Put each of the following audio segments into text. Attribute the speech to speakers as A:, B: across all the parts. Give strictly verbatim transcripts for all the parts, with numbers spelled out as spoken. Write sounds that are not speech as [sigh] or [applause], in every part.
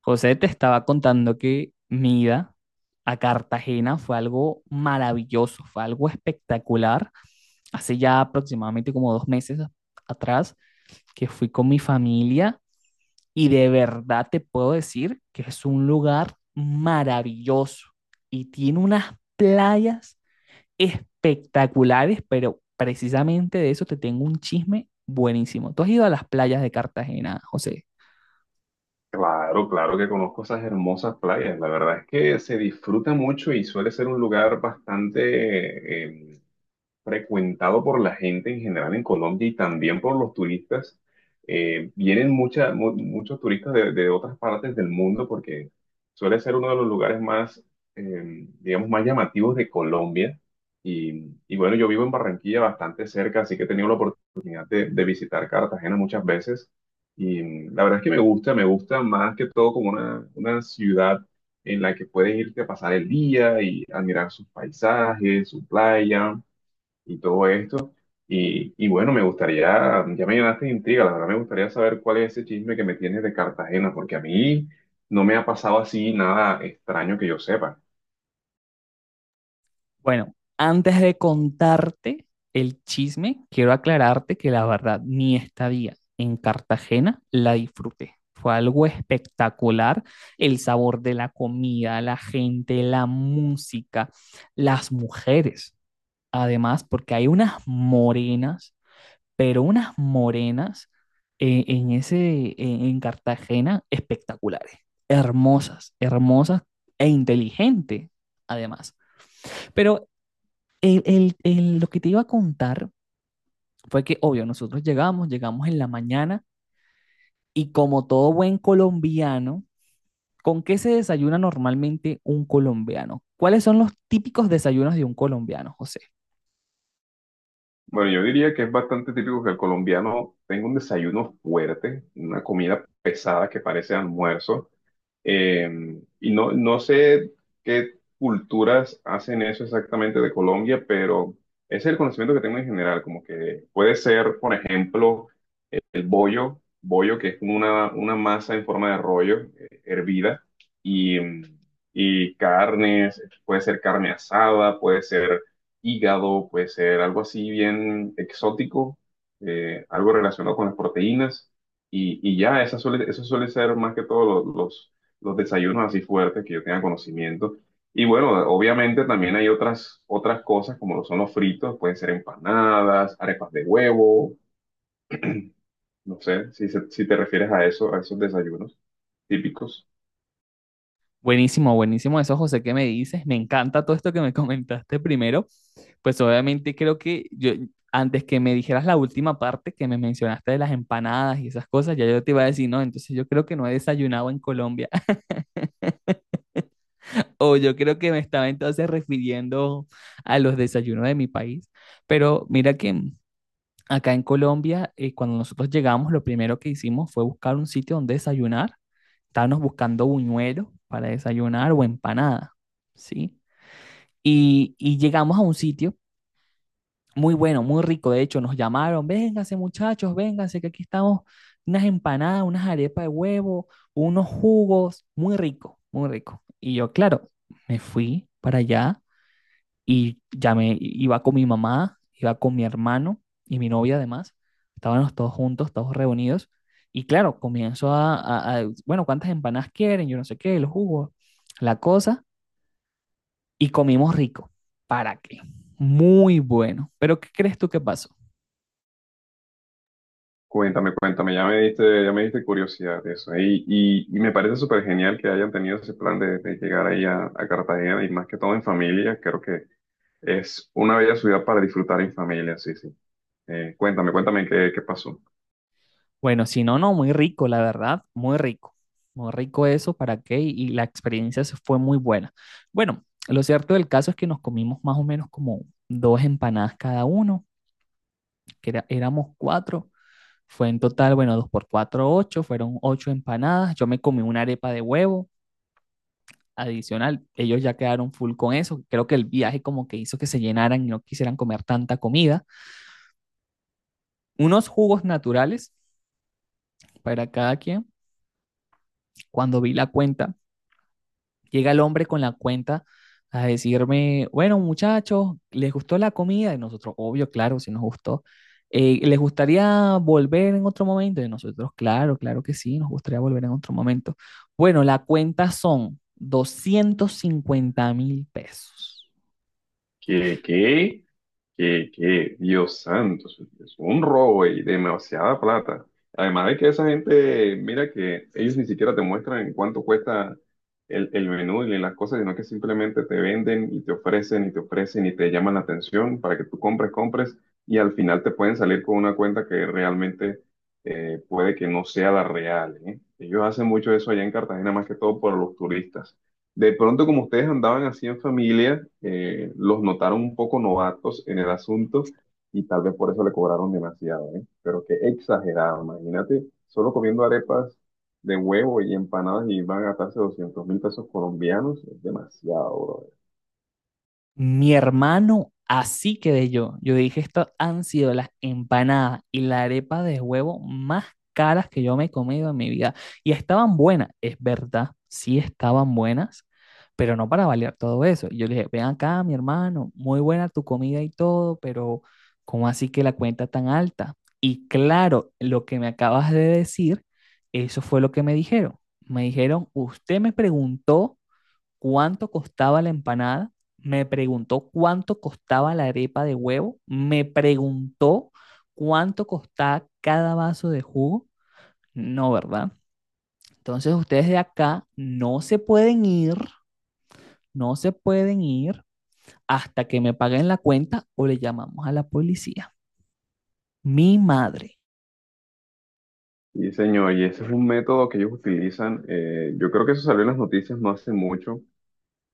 A: José, te estaba contando que mi ida a Cartagena fue algo maravilloso, fue algo espectacular. Hace ya aproximadamente como dos meses a- atrás que fui con mi familia y de verdad te puedo decir que es un lugar maravilloso y tiene unas playas espectaculares, pero precisamente de eso te tengo un chisme buenísimo. ¿Tú has ido a las playas de Cartagena, José?
B: Claro, claro que conozco esas hermosas playas. La verdad es que se disfruta mucho y suele ser un lugar bastante, em, frecuentado por la gente en general en Colombia y también por los turistas. Eh, vienen mucha- mu- muchos turistas de, de otras partes del mundo porque suele ser uno de los lugares más, eh, digamos, más llamativos de Colombia. Y, y bueno, yo vivo en Barranquilla bastante cerca, así que he tenido la oportunidad de, de visitar Cartagena muchas veces. Y mm, la verdad es que me gusta, me gusta más que todo como una, una ciudad en la que puedes irte a pasar el día y admirar sus paisajes, su playa y todo esto. Y, y bueno, me gustaría, ya me llenaste de intriga, la verdad me gustaría saber cuál es ese chisme que me tienes de Cartagena, porque a mí no me ha pasado así nada extraño que yo sepa.
A: Bueno, antes de contarte el chisme, quiero aclararte que la verdad, mi estadía en Cartagena la disfruté. Fue algo espectacular, el sabor de la comida, la gente, la música, las mujeres. Además, porque hay unas morenas, pero unas morenas eh, en ese, en en Cartagena espectaculares, hermosas, hermosas e inteligentes, además. Pero el- el- el- lo que te iba a contar fue que, obvio, nosotros llegamos, llegamos en la mañana y como todo buen colombiano, ¿con qué se desayuna normalmente un colombiano? ¿Cuáles son los típicos desayunos de un colombiano, José?
B: Bueno, yo diría que es bastante típico que el colombiano tenga un desayuno fuerte, una comida pesada que parece almuerzo, eh, y no, no sé qué culturas hacen eso exactamente de Colombia, pero ese es el conocimiento que tengo en general, como que puede ser, por ejemplo, el bollo, bollo que es una, una masa en forma de rollo, eh, hervida, y, mm, y carnes, puede ser carne asada, puede ser hígado, puede ser algo así bien exótico, eh, algo relacionado con las proteínas, y, y ya, eso suele, eso suele ser más que todo lo- los, los, desayunos así fuertes que yo tenga conocimiento. Y bueno, obviamente también hay otras, otras cosas como lo son los fritos, pueden ser empanadas, arepas de huevo, no sé si, se- si te refieres a eso, a esos desayunos típicos.
A: Buenísimo, buenísimo eso, José, ¿qué me dices? Me encanta todo esto que me [laughs] comentaste primero. Pues obviamente creo que yo, antes que me dijeras la última parte que me mencionaste de las empanadas y esas cosas, ya yo te iba a decir, no, entonces yo creo que no he desayunado en Colombia. O yo creo que me estaba entonces refiriendo a los desayunos de mi país. Pero mira que acá en Colombia, eh, cuando nosotros llegamos, lo primero que hicimos fue buscar un sitio donde desayunar. Estábamos buscando buñuelos para desayunar o empanada, ¿sí? Y, y llegamos a un sitio muy bueno, muy rico. De hecho, nos llamaron, vénganse muchachos, vénganse, que aquí estamos unas empanadas, unas arepas de huevo, unos jugos, muy rico, muy rico. Y yo, claro, me fui para allá y llamé, iba con mi mamá, iba con mi hermano y mi novia además. Estábamos todos juntos, todos reunidos. Y claro, comienzo a, a- a, bueno, ¿cuántas empanadas quieren? Yo no sé qué, los jugos la cosa. Y comimos rico. ¿Para qué? Muy bueno. Pero ¿qué crees tú que pasó?
B: Cuéntame, cuéntame, ya me diste, ya me diste curiosidad de eso. Y, y, y me parece súper genial que hayan tenido ese plan de, de llegar ahí a, a Cartagena y más que todo en familia. Creo que es una bella ciudad para disfrutar en familia, sí, sí. Eh, cuéntame, cuéntame qué, qué pasó.
A: Bueno, si no, no, muy rico, la verdad, muy rico. Muy rico eso, ¿para qué? Y, y la experiencia se fue muy buena. Bueno, lo cierto del caso es que nos comimos más o menos como dos empanadas cada uno, que era- éramos cuatro. Fue en total, bueno, dos por cuatro, ocho, fueron ocho empanadas. Yo me comí una arepa de huevo adicional. Ellos ya quedaron full con eso. Creo que el viaje como que hizo que se llenaran y no quisieran comer tanta comida. Unos jugos naturales para cada quien. Cuando vi la cuenta, llega el hombre con la cuenta a decirme, bueno, muchachos, ¿les gustó la comida? Y nosotros, obvio, claro, si nos gustó. "Eh, ¿les gustaría volver en otro momento? Y nosotros, claro, claro que sí, nos gustaría volver en otro momento. Bueno, la cuenta son doscientos cincuenta mil pesos.
B: ¿Qué, qué? Que, que, Dios santo, eso es un robo y demasiada plata. Además de que esa gente, mira que ellos ni siquiera te muestran en cuánto cuesta el, el menú y las cosas, sino que simplemente te venden y te ofrecen y te ofrecen y te llaman la atención para que tú compres, compres y al final te pueden salir con una cuenta que realmente eh, puede que no sea la real, ¿eh? Ellos hacen mucho eso allá en Cartagena, más que todo por los turistas. De pronto, como ustedes andaban así en familia, eh, los notaron un poco novatos en el asunto y tal vez por eso le cobraron demasiado, ¿eh? Pero qué exagerado, imagínate, solo comiendo arepas de huevo y empanadas y van a gastarse doscientos mil pesos colombianos, es demasiado, bro.
A: Mi hermano, así quedé yo. Yo dije, estas han sido las empanadas y la arepa de huevo más caras que yo me he comido en mi vida. Y estaban buenas, es verdad, sí estaban buenas, pero no para valer todo eso. Y yo le dije, ven acá, mi hermano, muy buena tu comida y todo, pero ¿cómo así que la cuenta tan alta? Y claro, lo que me acabas de decir, eso fue lo que me dijeron. Me dijeron, usted me preguntó cuánto costaba la empanada, me preguntó cuánto costaba la arepa de huevo, me preguntó cuánto costaba cada vaso de jugo. No, ¿verdad? Entonces ustedes de acá no se pueden ir, no se pueden ir hasta que me paguen la cuenta o le llamamos a la policía. Mi madre.
B: Y señor, y ese es un método que ellos utilizan, eh, yo creo que eso salió en las noticias no hace mucho,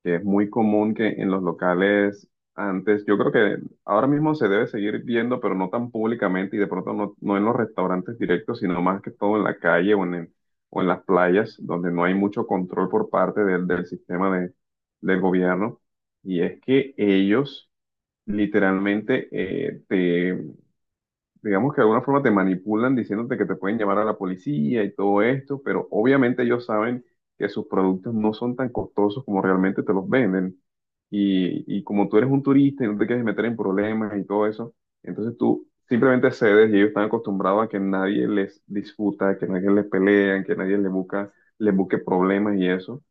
B: que es muy común que en los locales antes, yo creo que ahora mismo se debe seguir viendo, pero no tan públicamente y de pronto no, no en los restaurantes directos, sino más que todo en la calle o en, el- o en las playas, donde no hay mucho control por parte del, del sistema de, del gobierno. Y es que ellos literalmente eh, digamos que de alguna forma te manipulan diciéndote que te pueden llamar a la policía y todo esto, pero obviamente ellos saben que sus productos no son tan costosos como realmente te los venden. Y, y como tú eres un turista y no te quieres meter en problemas y todo eso, entonces tú simplemente cedes y ellos están acostumbrados a que nadie les disputa, que nadie les pelea, que nadie les busca, les busque problemas y eso.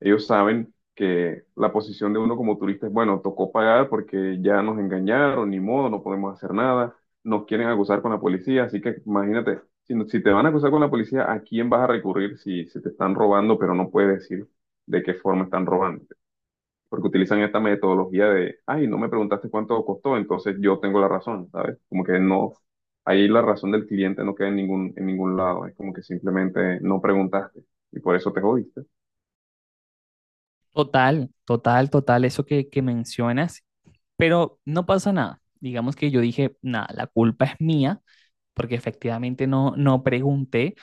B: Ellos saben que la posición de uno como turista es, bueno, tocó pagar porque ya nos engañaron, ni modo, no podemos hacer nada, nos quieren acusar con la policía, así que imagínate, si, no- si te van a acusar con la policía, ¿a quién vas a recurrir si, si te están robando, pero no puedes decir de qué forma están robando? Porque utilizan esta metodología de, ay, no me preguntaste cuánto costó, entonces yo tengo la razón, ¿sabes? Como que no, ahí la razón del cliente no queda en ningún, en ningún lado, es como que simplemente no preguntaste y por eso te jodiste.
A: Total, total, total, eso que, que mencionas. Pero no pasa nada. Digamos que yo dije, nada, la culpa es mía porque efectivamente no, no pregunté.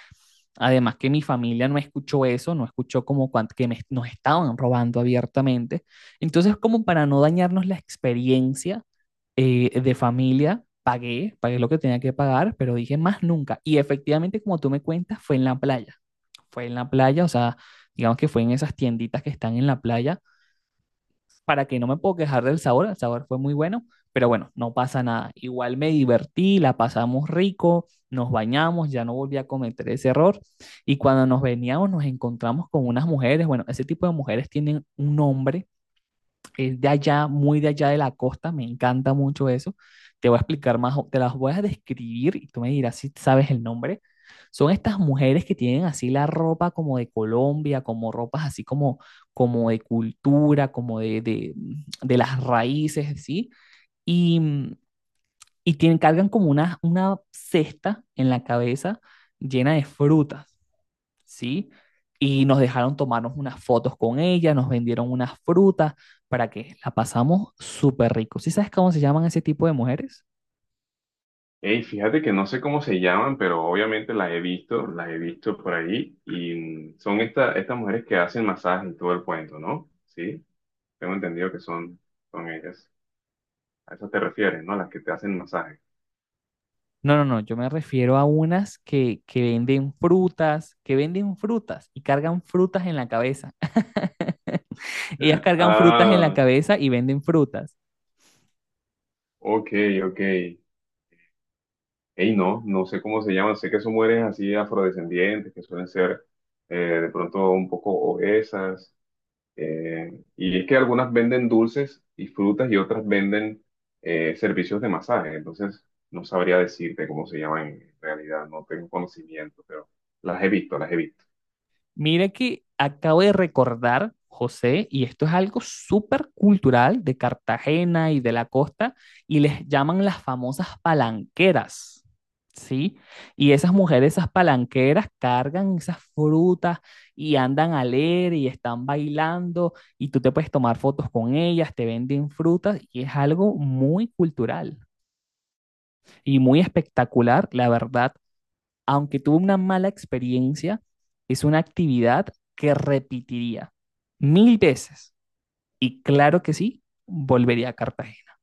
A: Además que mi familia no escuchó eso, no escuchó como cuan- que me- nos estaban robando abiertamente. Entonces, como para no dañarnos la experiencia eh, de familia, pagué, pagué lo que tenía que pagar, pero dije más nunca. Y efectivamente, como tú me cuentas, fue en la playa. Fue en la playa, o sea, digamos que fue en esas tienditas que están en la playa para que no me puedo quejar del sabor, el sabor fue muy bueno, pero bueno, no pasa nada. Igual me divertí, la pasamos rico, nos bañamos, ya no volví a cometer ese error. Y cuando nos veníamos, nos encontramos con unas mujeres, bueno, ese tipo de mujeres tienen un nombre es de allá, muy de allá de la costa, me encanta mucho eso. Te voy a explicar más, o- te las voy a describir y tú me dirás si sabes el nombre. Son estas mujeres que tienen así la ropa como de Colombia, como ropas así como, como de cultura, como de, de, de las raíces, ¿sí? Y, mm, y tienen, cargan como una, una cesta en la cabeza llena de frutas. ¿Sí? Y nos dejaron tomarnos unas fotos con ella, nos vendieron unas frutas para que la pasamos súper rico. ¿Sí sabes cómo se llaman ese tipo de mujeres?
B: Hey, fíjate que no sé cómo se llaman, pero obviamente las he visto, las he visto por ahí, y son esta- estas mujeres que hacen masaje y todo el cuento, ¿no? Sí, tengo entendido que son, son ellas. A eso te refieres, ¿no? Las que te hacen masaje.
A: No, no, no, yo me refiero a unas que, que venden frutas, que venden frutas y cargan frutas en la cabeza. [laughs] Ellas
B: [gasps] [laughs]
A: cargan frutas en la
B: Ah,
A: cabeza y venden frutas.
B: ok, ok. Hey, no, no sé cómo se llaman, sé que son mujeres así afrodescendientes, que suelen ser eh, de pronto un poco obesas, Eh, y es que algunas venden dulces y frutas y otras venden eh, servicios de masaje. Entonces, no sabría decirte cómo se llama en realidad, no tengo conocimiento, pero las he visto, las he visto.
A: Mira que acabo de recordar, José, y esto es algo súper cultural de Cartagena y de la costa, y les llaman las famosas palanqueras, ¿sí? Y esas mujeres, esas palanqueras, cargan esas frutas y andan a leer y están bailando, y tú te puedes tomar fotos con ellas, te venden frutas, y es algo muy cultural y muy espectacular, la verdad aunque tuvo una mala experiencia, es una actividad que repetiría mil veces. Y claro que sí, volvería a Cartagena.